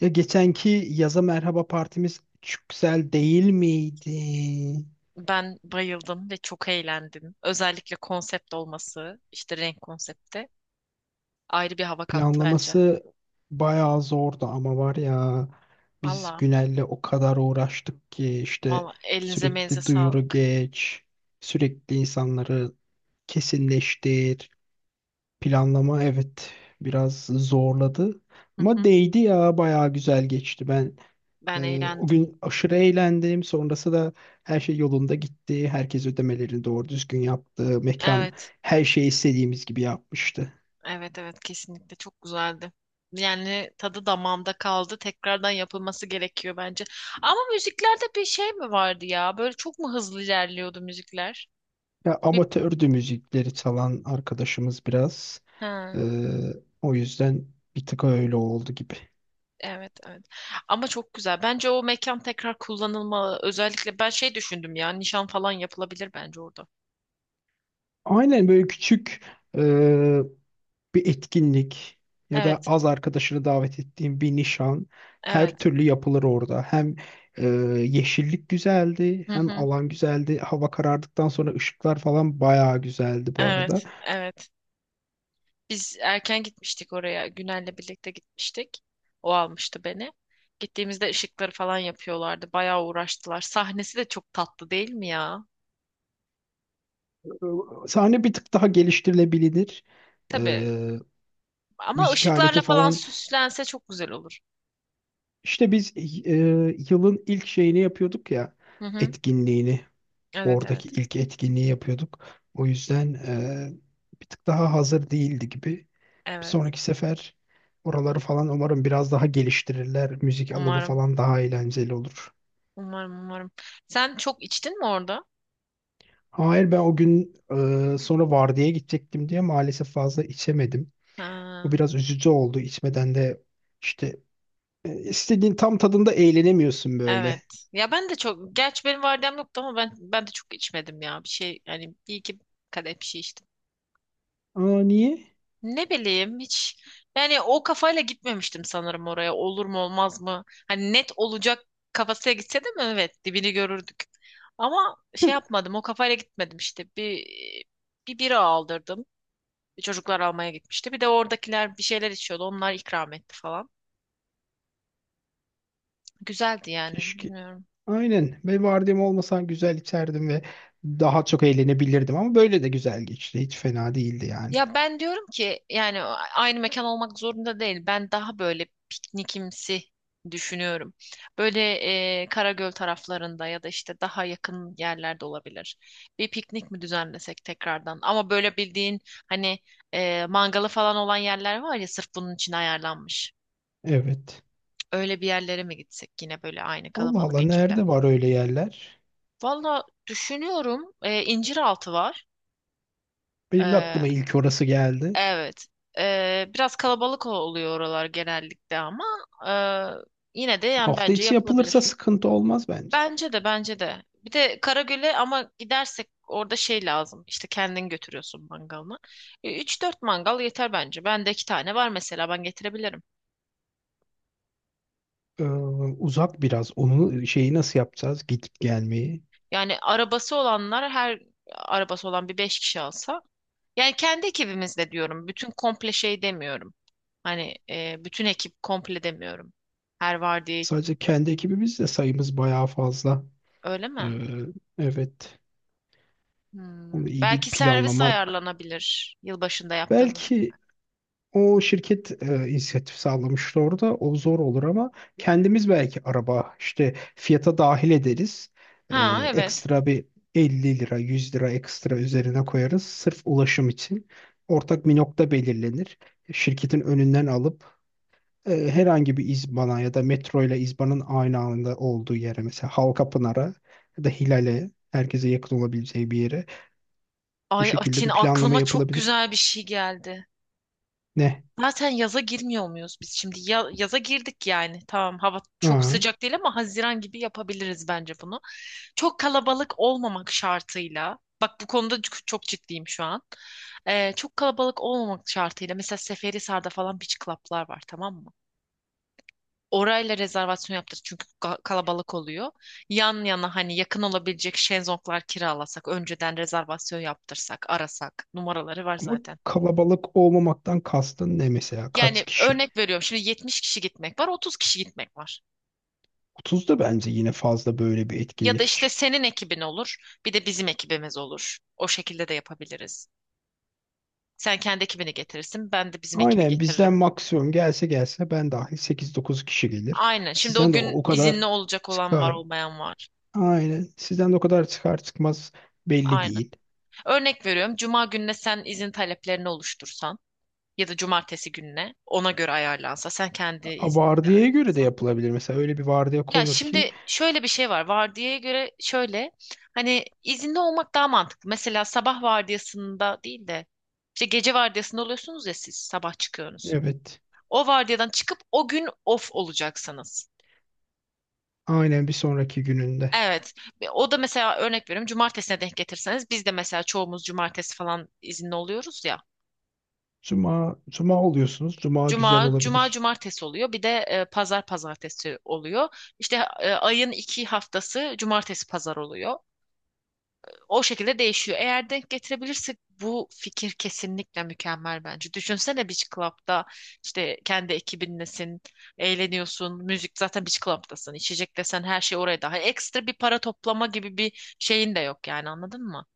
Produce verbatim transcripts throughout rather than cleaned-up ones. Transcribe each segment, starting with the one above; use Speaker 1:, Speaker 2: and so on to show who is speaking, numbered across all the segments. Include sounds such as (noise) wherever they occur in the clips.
Speaker 1: Ya geçenki yaza merhaba partimiz çok güzel değil miydi?
Speaker 2: Ben bayıldım ve çok eğlendim. Özellikle konsept olması, işte renk konsepti ayrı bir hava kattı bence.
Speaker 1: Planlaması bayağı zordu ama var ya biz
Speaker 2: Valla,
Speaker 1: Günel'le o kadar uğraştık ki işte
Speaker 2: valla elinize menize
Speaker 1: sürekli duyuru
Speaker 2: sağlık.
Speaker 1: geç, sürekli insanları kesinleştir. Planlama evet biraz zorladı
Speaker 2: Hı
Speaker 1: ama
Speaker 2: hı.
Speaker 1: değdi ya bayağı güzel geçti ben.
Speaker 2: Ben
Speaker 1: Ee, o
Speaker 2: eğlendim.
Speaker 1: gün aşırı eğlendim. Sonrası da her şey yolunda gitti. Herkes ödemelerini doğru düzgün yaptı. Mekan
Speaker 2: Evet,
Speaker 1: her şeyi istediğimiz gibi yapmıştı.
Speaker 2: evet, evet, kesinlikle çok güzeldi. Yani tadı damağımda kaldı. Tekrardan yapılması gerekiyor bence. Ama müziklerde bir şey mi vardı ya? Böyle çok mu hızlı ilerliyordu müzikler?
Speaker 1: Ya
Speaker 2: Bir...
Speaker 1: amatördü müzikleri çalan arkadaşımız biraz. Ee,
Speaker 2: He.
Speaker 1: O yüzden bir tık öyle oldu gibi.
Speaker 2: Evet, evet. Ama çok güzel. Bence o mekan tekrar kullanılmalı. Özellikle ben şey düşündüm ya, nişan falan yapılabilir bence orada.
Speaker 1: Aynen böyle küçük bir etkinlik ya da
Speaker 2: Evet,
Speaker 1: az arkadaşını davet ettiğin bir nişan her
Speaker 2: evet.
Speaker 1: türlü yapılır orada. Hem e, yeşillik güzeldi,
Speaker 2: Hı
Speaker 1: hem
Speaker 2: hı.
Speaker 1: alan güzeldi. Hava karardıktan sonra ışıklar falan bayağı güzeldi bu arada.
Speaker 2: Evet, evet. Biz erken gitmiştik oraya. Günel'le birlikte gitmiştik. O almıştı beni. Gittiğimizde ışıkları falan yapıyorlardı. Bayağı uğraştılar. Sahnesi de çok tatlı değil mi ya?
Speaker 1: E, Sahne bir tık daha geliştirilebilir. E,
Speaker 2: Tabii. Ama
Speaker 1: Müzik aleti
Speaker 2: ışıklarla falan
Speaker 1: falan.
Speaker 2: süslense çok güzel olur.
Speaker 1: İşte biz e, yılın ilk şeyini yapıyorduk ya,
Speaker 2: Hı hı.
Speaker 1: etkinliğini.
Speaker 2: Evet,
Speaker 1: Oradaki
Speaker 2: evet.
Speaker 1: ilk etkinliği yapıyorduk. O yüzden e, bir tık daha hazır değildi gibi. Bir
Speaker 2: Evet.
Speaker 1: sonraki sefer oraları falan umarım biraz daha geliştirirler. Müzik alanı
Speaker 2: Umarım.
Speaker 1: falan daha eğlenceli olur.
Speaker 2: Umarım, umarım. Sen çok içtin mi orada?
Speaker 1: Hayır ben o gün e, sonra vardiyaya gidecektim diye maalesef fazla içemedim. O
Speaker 2: Ha,
Speaker 1: biraz üzücü oldu. İçmeden de işte e, istediğin tam tadında eğlenemiyorsun
Speaker 2: evet.
Speaker 1: böyle.
Speaker 2: Ya ben de çok, gerçi benim vardiyam yoktu ama ben ben de çok içmedim ya. Bir şey yani bir iki kadeh bir şey içtim.
Speaker 1: Aa, niye?
Speaker 2: Ne bileyim hiç yani o kafayla gitmemiştim sanırım oraya. Olur mu olmaz mı? Hani net olacak kafasıyla gitse de mi? Evet, dibini görürdük. Ama şey yapmadım, o kafayla gitmedim işte. Bir bir bira aldırdım. Çocuklar almaya gitmişti. Bir de oradakiler bir şeyler içiyordu. Onlar ikram etti falan. Güzeldi yani.
Speaker 1: Keşke.
Speaker 2: Bilmiyorum.
Speaker 1: Aynen. Ve vardiyam olmasa güzel içerdim ve daha çok eğlenebilirdim ama böyle de güzel geçti. Hiç fena değildi yani.
Speaker 2: Ya ben diyorum ki yani aynı mekan olmak zorunda değil. Ben daha böyle piknikimsi düşünüyorum. Böyle e, Karagöl taraflarında ya da işte daha yakın yerlerde olabilir. Bir piknik mi düzenlesek tekrardan? Ama böyle bildiğin hani e, mangalı falan olan yerler var ya, sırf bunun için ayarlanmış.
Speaker 1: Evet.
Speaker 2: Öyle bir yerlere mi gitsek yine böyle aynı
Speaker 1: Allah
Speaker 2: kalabalık
Speaker 1: Allah
Speaker 2: ekiple?
Speaker 1: nerede var öyle yerler?
Speaker 2: Valla düşünüyorum. E, İnciraltı var.
Speaker 1: Benim de aklıma ilk orası geldi.
Speaker 2: Evet. Ee, biraz kalabalık oluyor oralar genellikle ama e, yine de yani
Speaker 1: Hafta
Speaker 2: bence
Speaker 1: içi yapılırsa
Speaker 2: yapılabilir.
Speaker 1: sıkıntı olmaz bence.
Speaker 2: Bence de, bence de. Bir de Karagöl'e ama gidersek orada şey lazım. İşte kendin götürüyorsun mangalını. E, Üç dört mangal yeter bence. Bende iki tane var mesela, ben getirebilirim.
Speaker 1: Ee, Uzak biraz. Onu şeyi nasıl yapacağız? Gidip gelmeyi.
Speaker 2: Yani arabası olanlar her arabası olan bir beş kişi alsa. Yani kendi ekibimizle diyorum. Bütün komple şey demiyorum. Hani e, bütün ekip komple demiyorum. Her vardiya
Speaker 1: Sadece kendi ekibimiz de sayımız bayağı fazla.
Speaker 2: öyle
Speaker 1: Ee,
Speaker 2: mi?
Speaker 1: evet. Onu
Speaker 2: Hmm,
Speaker 1: iyi bir
Speaker 2: Belki servis
Speaker 1: planlamak.
Speaker 2: ayarlanabilir, yılbaşında yaptığımız.
Speaker 1: Belki o şirket e, inisiyatif sağlamıştı orada. O zor olur ama kendimiz belki araba işte fiyata dahil ederiz. E,
Speaker 2: Ha, evet.
Speaker 1: Ekstra bir elli lira, yüz lira ekstra üzerine koyarız sırf ulaşım için. Ortak bir nokta belirlenir. Şirketin önünden alıp e, herhangi bir İzban'a ya da metro ile İzban'ın aynı anda olduğu yere mesela Halkapınar'a ya da Hilal'e herkese yakın olabileceği bir yere bu
Speaker 2: Ay
Speaker 1: şekilde
Speaker 2: Atin,
Speaker 1: bir planlama
Speaker 2: aklıma çok
Speaker 1: yapılabilir.
Speaker 2: güzel bir şey geldi.
Speaker 1: Ne?
Speaker 2: Zaten yaza girmiyor muyuz biz şimdi? Ya- yaza girdik yani. Tamam, hava çok
Speaker 1: Aa.
Speaker 2: sıcak değil ama Haziran gibi yapabiliriz bence bunu. Çok kalabalık olmamak şartıyla. Bak bu konuda ç- çok ciddiyim şu an. Ee, çok kalabalık olmamak şartıyla. Mesela Seferihisar'da falan beach club'lar var, tamam mı? Orayla rezervasyon yaptırdık çünkü ka- kalabalık oluyor. Yan yana hani yakın olabilecek şezlonglar kiralasak, önceden rezervasyon yaptırsak, arasak. Numaraları var
Speaker 1: Ama
Speaker 2: zaten.
Speaker 1: kalabalık olmamaktan kastın ne mesela? Kaç
Speaker 2: Yani
Speaker 1: kişi?
Speaker 2: örnek veriyorum, şimdi yetmiş kişi gitmek var, otuz kişi gitmek var.
Speaker 1: otuz da bence yine fazla böyle bir
Speaker 2: Ya da
Speaker 1: etkinlik
Speaker 2: işte
Speaker 1: için.
Speaker 2: senin ekibin olur, bir de bizim ekibimiz olur. O şekilde de yapabiliriz. Sen kendi ekibini getirirsin, ben de bizim ekibi
Speaker 1: Aynen bizden
Speaker 2: getiririm.
Speaker 1: maksimum gelse gelse ben dahil sekiz dokuz kişi gelir.
Speaker 2: Aynen. Şimdi o
Speaker 1: Sizden de o
Speaker 2: gün
Speaker 1: kadar
Speaker 2: izinli olacak olan var,
Speaker 1: çıkar.
Speaker 2: olmayan var.
Speaker 1: Aynen. Sizden de o kadar çıkar çıkmaz belli
Speaker 2: Aynen.
Speaker 1: değil.
Speaker 2: Örnek veriyorum. Cuma gününe sen izin taleplerini oluştursan, ya da cumartesi gününe ona göre ayarlansa, sen kendi
Speaker 1: A,
Speaker 2: iznini de
Speaker 1: Vardiyaya göre de
Speaker 2: ayarlasan.
Speaker 1: yapılabilir. Mesela öyle bir vardiya
Speaker 2: Ya
Speaker 1: konur ki
Speaker 2: şimdi şöyle bir şey var, vardiyaya göre şöyle hani izinli olmak daha mantıklı. Mesela sabah vardiyasında değil de işte gece vardiyasında oluyorsunuz ya, siz sabah çıkıyorsunuz.
Speaker 1: evet
Speaker 2: O vardiyadan çıkıp o gün off olacaksınız.
Speaker 1: aynen bir sonraki gününde.
Speaker 2: Evet. Ve O da mesela, örnek veriyorum, cumartesine denk getirseniz, biz de mesela çoğumuz cumartesi falan izinli oluyoruz ya.
Speaker 1: Cuma, cuma oluyorsunuz. Cuma güzel
Speaker 2: Cuma, cuma
Speaker 1: olabilir.
Speaker 2: cumartesi oluyor. Bir de e, pazar pazartesi oluyor. İşte e, ayın iki haftası cumartesi pazar oluyor. O şekilde değişiyor. Eğer denk getirebilirsek bu fikir kesinlikle mükemmel bence. Düşünsene, Beach Club'da işte kendi ekibinlesin, eğleniyorsun, müzik zaten, Beach Club'dasın. İçecek desen her şey oraya daha. Ekstra bir para toplama gibi bir şeyin de yok yani, anladın mı?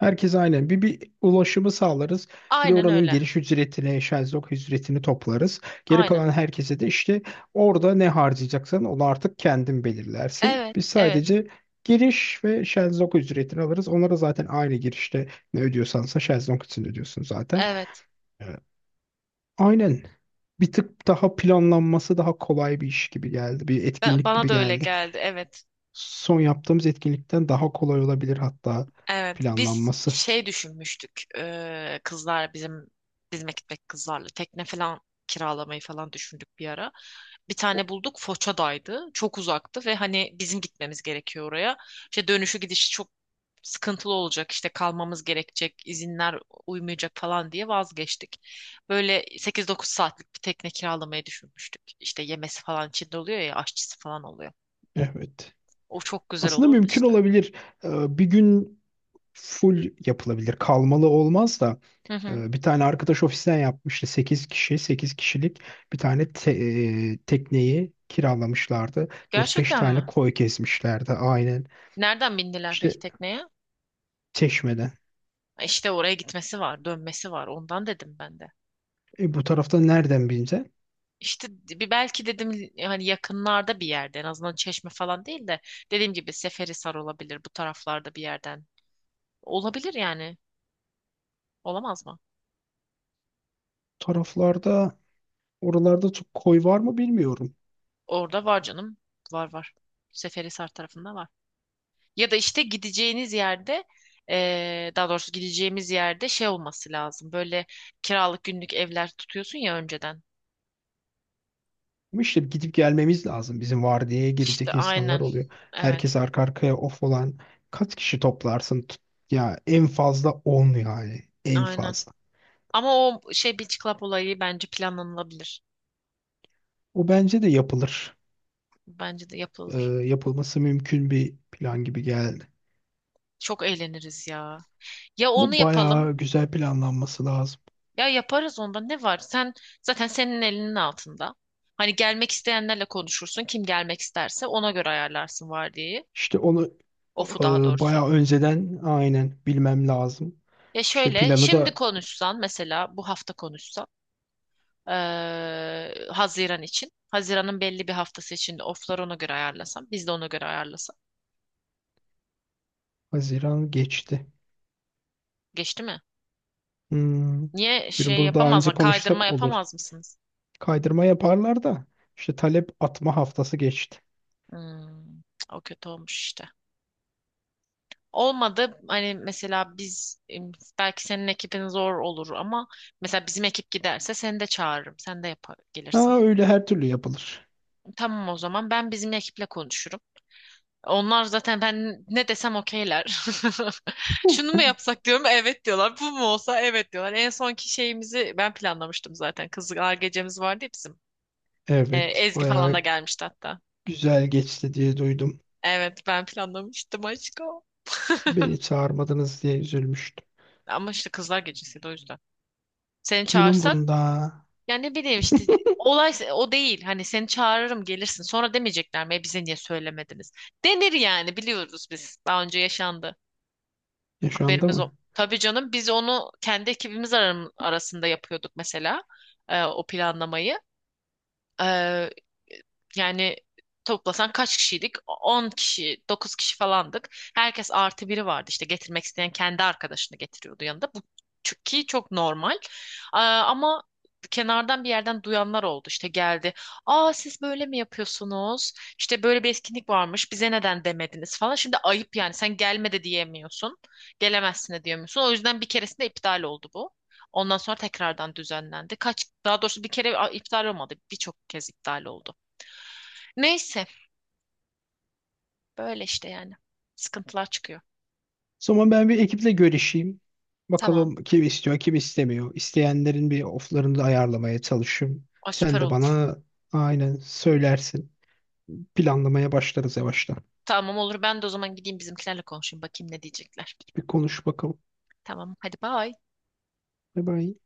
Speaker 1: Herkes aynen. Bir, bir ulaşımı sağlarız. Bir de
Speaker 2: Aynen
Speaker 1: oranın
Speaker 2: öyle.
Speaker 1: giriş ücretini, şezlong ücretini toplarız. Geri
Speaker 2: Aynen.
Speaker 1: kalan herkese de işte orada ne harcayacaksan onu artık kendin belirlersin.
Speaker 2: Evet,
Speaker 1: Biz
Speaker 2: evet,
Speaker 1: sadece giriş ve şezlong ücretini alırız. Onlara zaten aynı girişte ne ödüyorsansa şezlong için ödüyorsun zaten.
Speaker 2: evet.
Speaker 1: Evet. Aynen. Bir tık daha planlanması daha kolay bir iş gibi geldi. Bir
Speaker 2: Ben,
Speaker 1: etkinlik
Speaker 2: bana
Speaker 1: gibi
Speaker 2: da öyle
Speaker 1: geldi.
Speaker 2: geldi. Evet.
Speaker 1: Son yaptığımız etkinlikten daha kolay olabilir hatta
Speaker 2: Evet, biz
Speaker 1: planlanması.
Speaker 2: şey düşünmüştük, eee, kızlar bizim bizime gitmek, kızlarla tekne falan kiralamayı falan düşündük bir ara. Bir tane bulduk, Foça'daydı. Çok uzaktı ve hani bizim gitmemiz gerekiyor oraya. İşte dönüşü gidişi çok sıkıntılı olacak, işte kalmamız gerekecek, izinler uymayacak falan diye vazgeçtik. Böyle sekiz dokuz saatlik bir tekne kiralamayı düşünmüştük. İşte yemesi falan içinde oluyor ya, aşçısı falan oluyor.
Speaker 1: Evet.
Speaker 2: O çok güzel
Speaker 1: Aslında
Speaker 2: olurdu
Speaker 1: mümkün
Speaker 2: işte.
Speaker 1: olabilir. Ee, Bir gün full yapılabilir. Kalmalı olmaz da
Speaker 2: Hı hı.
Speaker 1: e, bir tane arkadaş ofisten yapmıştı. Sekiz kişi, sekiz kişilik bir tane te- e, tekneyi kiralamışlardı. Dört beş
Speaker 2: Gerçekten
Speaker 1: tane
Speaker 2: mi?
Speaker 1: koy kesmişlerdi aynen.
Speaker 2: Nereden bindiler
Speaker 1: İşte
Speaker 2: peki tekneye?
Speaker 1: Çeşme'den.
Speaker 2: E İşte oraya gitmesi var, dönmesi var. Ondan dedim ben de.
Speaker 1: E, bu tarafta nereden bilince?
Speaker 2: İşte bir belki dedim, hani yakınlarda bir yerde, en azından Çeşme falan değil de dediğim gibi Seferihisar olabilir, bu taraflarda bir yerden. Olabilir yani. Olamaz mı?
Speaker 1: Taraflarda, oralarda çok koy var mı bilmiyorum.
Speaker 2: Orada var canım. Var, var. Seferihisar tarafında var. Ya da işte gideceğiniz yerde, eee, daha doğrusu gideceğimiz yerde şey olması lazım. Böyle kiralık günlük evler tutuyorsun ya önceden.
Speaker 1: Ama işte gidip gelmemiz lazım. Bizim vardiyaya
Speaker 2: İşte
Speaker 1: girecek
Speaker 2: aynen.
Speaker 1: insanlar oluyor.
Speaker 2: Evet,
Speaker 1: Herkes arka arkaya off olan kaç kişi toplarsın? Tut- Ya en fazla on yani. En
Speaker 2: aynen.
Speaker 1: fazla.
Speaker 2: Ama o şey Beach Club olayı bence planlanılabilir.
Speaker 1: O bence de yapılır.
Speaker 2: Bence de
Speaker 1: Ee,
Speaker 2: yapılır.
Speaker 1: yapılması mümkün bir plan gibi geldi.
Speaker 2: Çok eğleniriz ya. Ya onu
Speaker 1: Ama
Speaker 2: yapalım,
Speaker 1: bayağı güzel planlanması lazım.
Speaker 2: ya yaparız, onda ne var? Sen zaten, senin elinin altında. Hani gelmek isteyenlerle konuşursun. Kim gelmek isterse ona göre ayarlarsın vardiyi.
Speaker 1: İşte onu
Speaker 2: Ofu, daha
Speaker 1: e,
Speaker 2: doğrusu.
Speaker 1: bayağı önceden aynen bilmem lazım.
Speaker 2: Ya
Speaker 1: İşte
Speaker 2: şöyle,
Speaker 1: planı
Speaker 2: şimdi
Speaker 1: da
Speaker 2: konuşsan mesela, bu hafta konuşsan eee, Haziran için. Haziran'ın belli bir haftası için de oflar ona göre ayarlasam. Biz de ona göre ayarlasak.
Speaker 1: Haziran geçti.
Speaker 2: Geçti mi?
Speaker 1: Hmm.
Speaker 2: Niye
Speaker 1: Bir-
Speaker 2: şey
Speaker 1: Bunu daha önce
Speaker 2: yapamazlar? Kaydırma
Speaker 1: konuşsak olur.
Speaker 2: yapamaz mısınız?
Speaker 1: Kaydırma yaparlar da işte talep atma haftası geçti.
Speaker 2: Hmm, O kötü olmuş işte. Olmadı hani, mesela biz em, belki senin ekibin zor olur ama mesela bizim ekip giderse seni de çağırırım. Sen de yapar, gelirsin.
Speaker 1: Ha, öyle her türlü yapılır.
Speaker 2: Tamam, o zaman ben bizim ekiple konuşurum. Onlar zaten ben ne desem okeyler. (laughs) Şunu mu yapsak diyorum, evet diyorlar. Bu mu olsa, evet diyorlar. En sonki şeyimizi ben planlamıştım zaten. Kızlar gecemiz vardı ya bizim. Ee,
Speaker 1: Evet,
Speaker 2: Ezgi falan da
Speaker 1: bayağı
Speaker 2: gelmişti hatta.
Speaker 1: güzel geçti diye duydum.
Speaker 2: Evet, ben planlamıştım aşkım.
Speaker 1: Beni çağırmadınız diye üzülmüştüm.
Speaker 2: Ama işte kızlar gecesiydi o yüzden. Seni
Speaker 1: Kimin
Speaker 2: çağırsak,
Speaker 1: umrunda?
Speaker 2: ya ne bileyim işte, olay se- o değil. Hani seni çağırırım, gelirsin. Sonra demeyecekler mi, "E, bize niye söylemediniz?" Denir yani, biliyoruz biz. Daha önce yaşandı.
Speaker 1: Yaşandı
Speaker 2: Haberimiz
Speaker 1: mı?
Speaker 2: o. Tabii canım, biz onu kendi ekibimiz aram- arasında yapıyorduk mesela, e, o planlamayı. Yani toplasan kaç kişiydik? On kişi, dokuz kişi falandık. Herkes artı biri vardı. İşte getirmek isteyen kendi arkadaşını getiriyordu yanında. Bu çünkü çok normal. Aa, ama kenardan bir yerden duyanlar oldu. İşte geldi. Aa, siz böyle mi yapıyorsunuz? İşte böyle bir etkinlik varmış. Bize neden demediniz falan. Şimdi ayıp yani. Sen gelme de diyemiyorsun. Gelemezsin de diyemiyorsun. O yüzden bir keresinde iptal oldu bu. Ondan sonra tekrardan düzenlendi. Kaç, daha doğrusu bir kere a, iptal olmadı. Birçok kez iptal oldu. Neyse, böyle işte yani. Sıkıntılar çıkıyor.
Speaker 1: O zaman ben bir ekiple görüşeyim.
Speaker 2: Tamam.
Speaker 1: Bakalım kim istiyor, kim istemiyor. İsteyenlerin bir oflarını da ayarlamaya çalışayım.
Speaker 2: Ay süper
Speaker 1: Sen de
Speaker 2: olur.
Speaker 1: bana aynen söylersin. Planlamaya başlarız yavaştan.
Speaker 2: Tamam, olur. Ben de o zaman gideyim bizimkilerle konuşayım. Bakayım ne diyecekler.
Speaker 1: Bir konuş bakalım.
Speaker 2: Tamam. Hadi bye.
Speaker 1: Bye bye.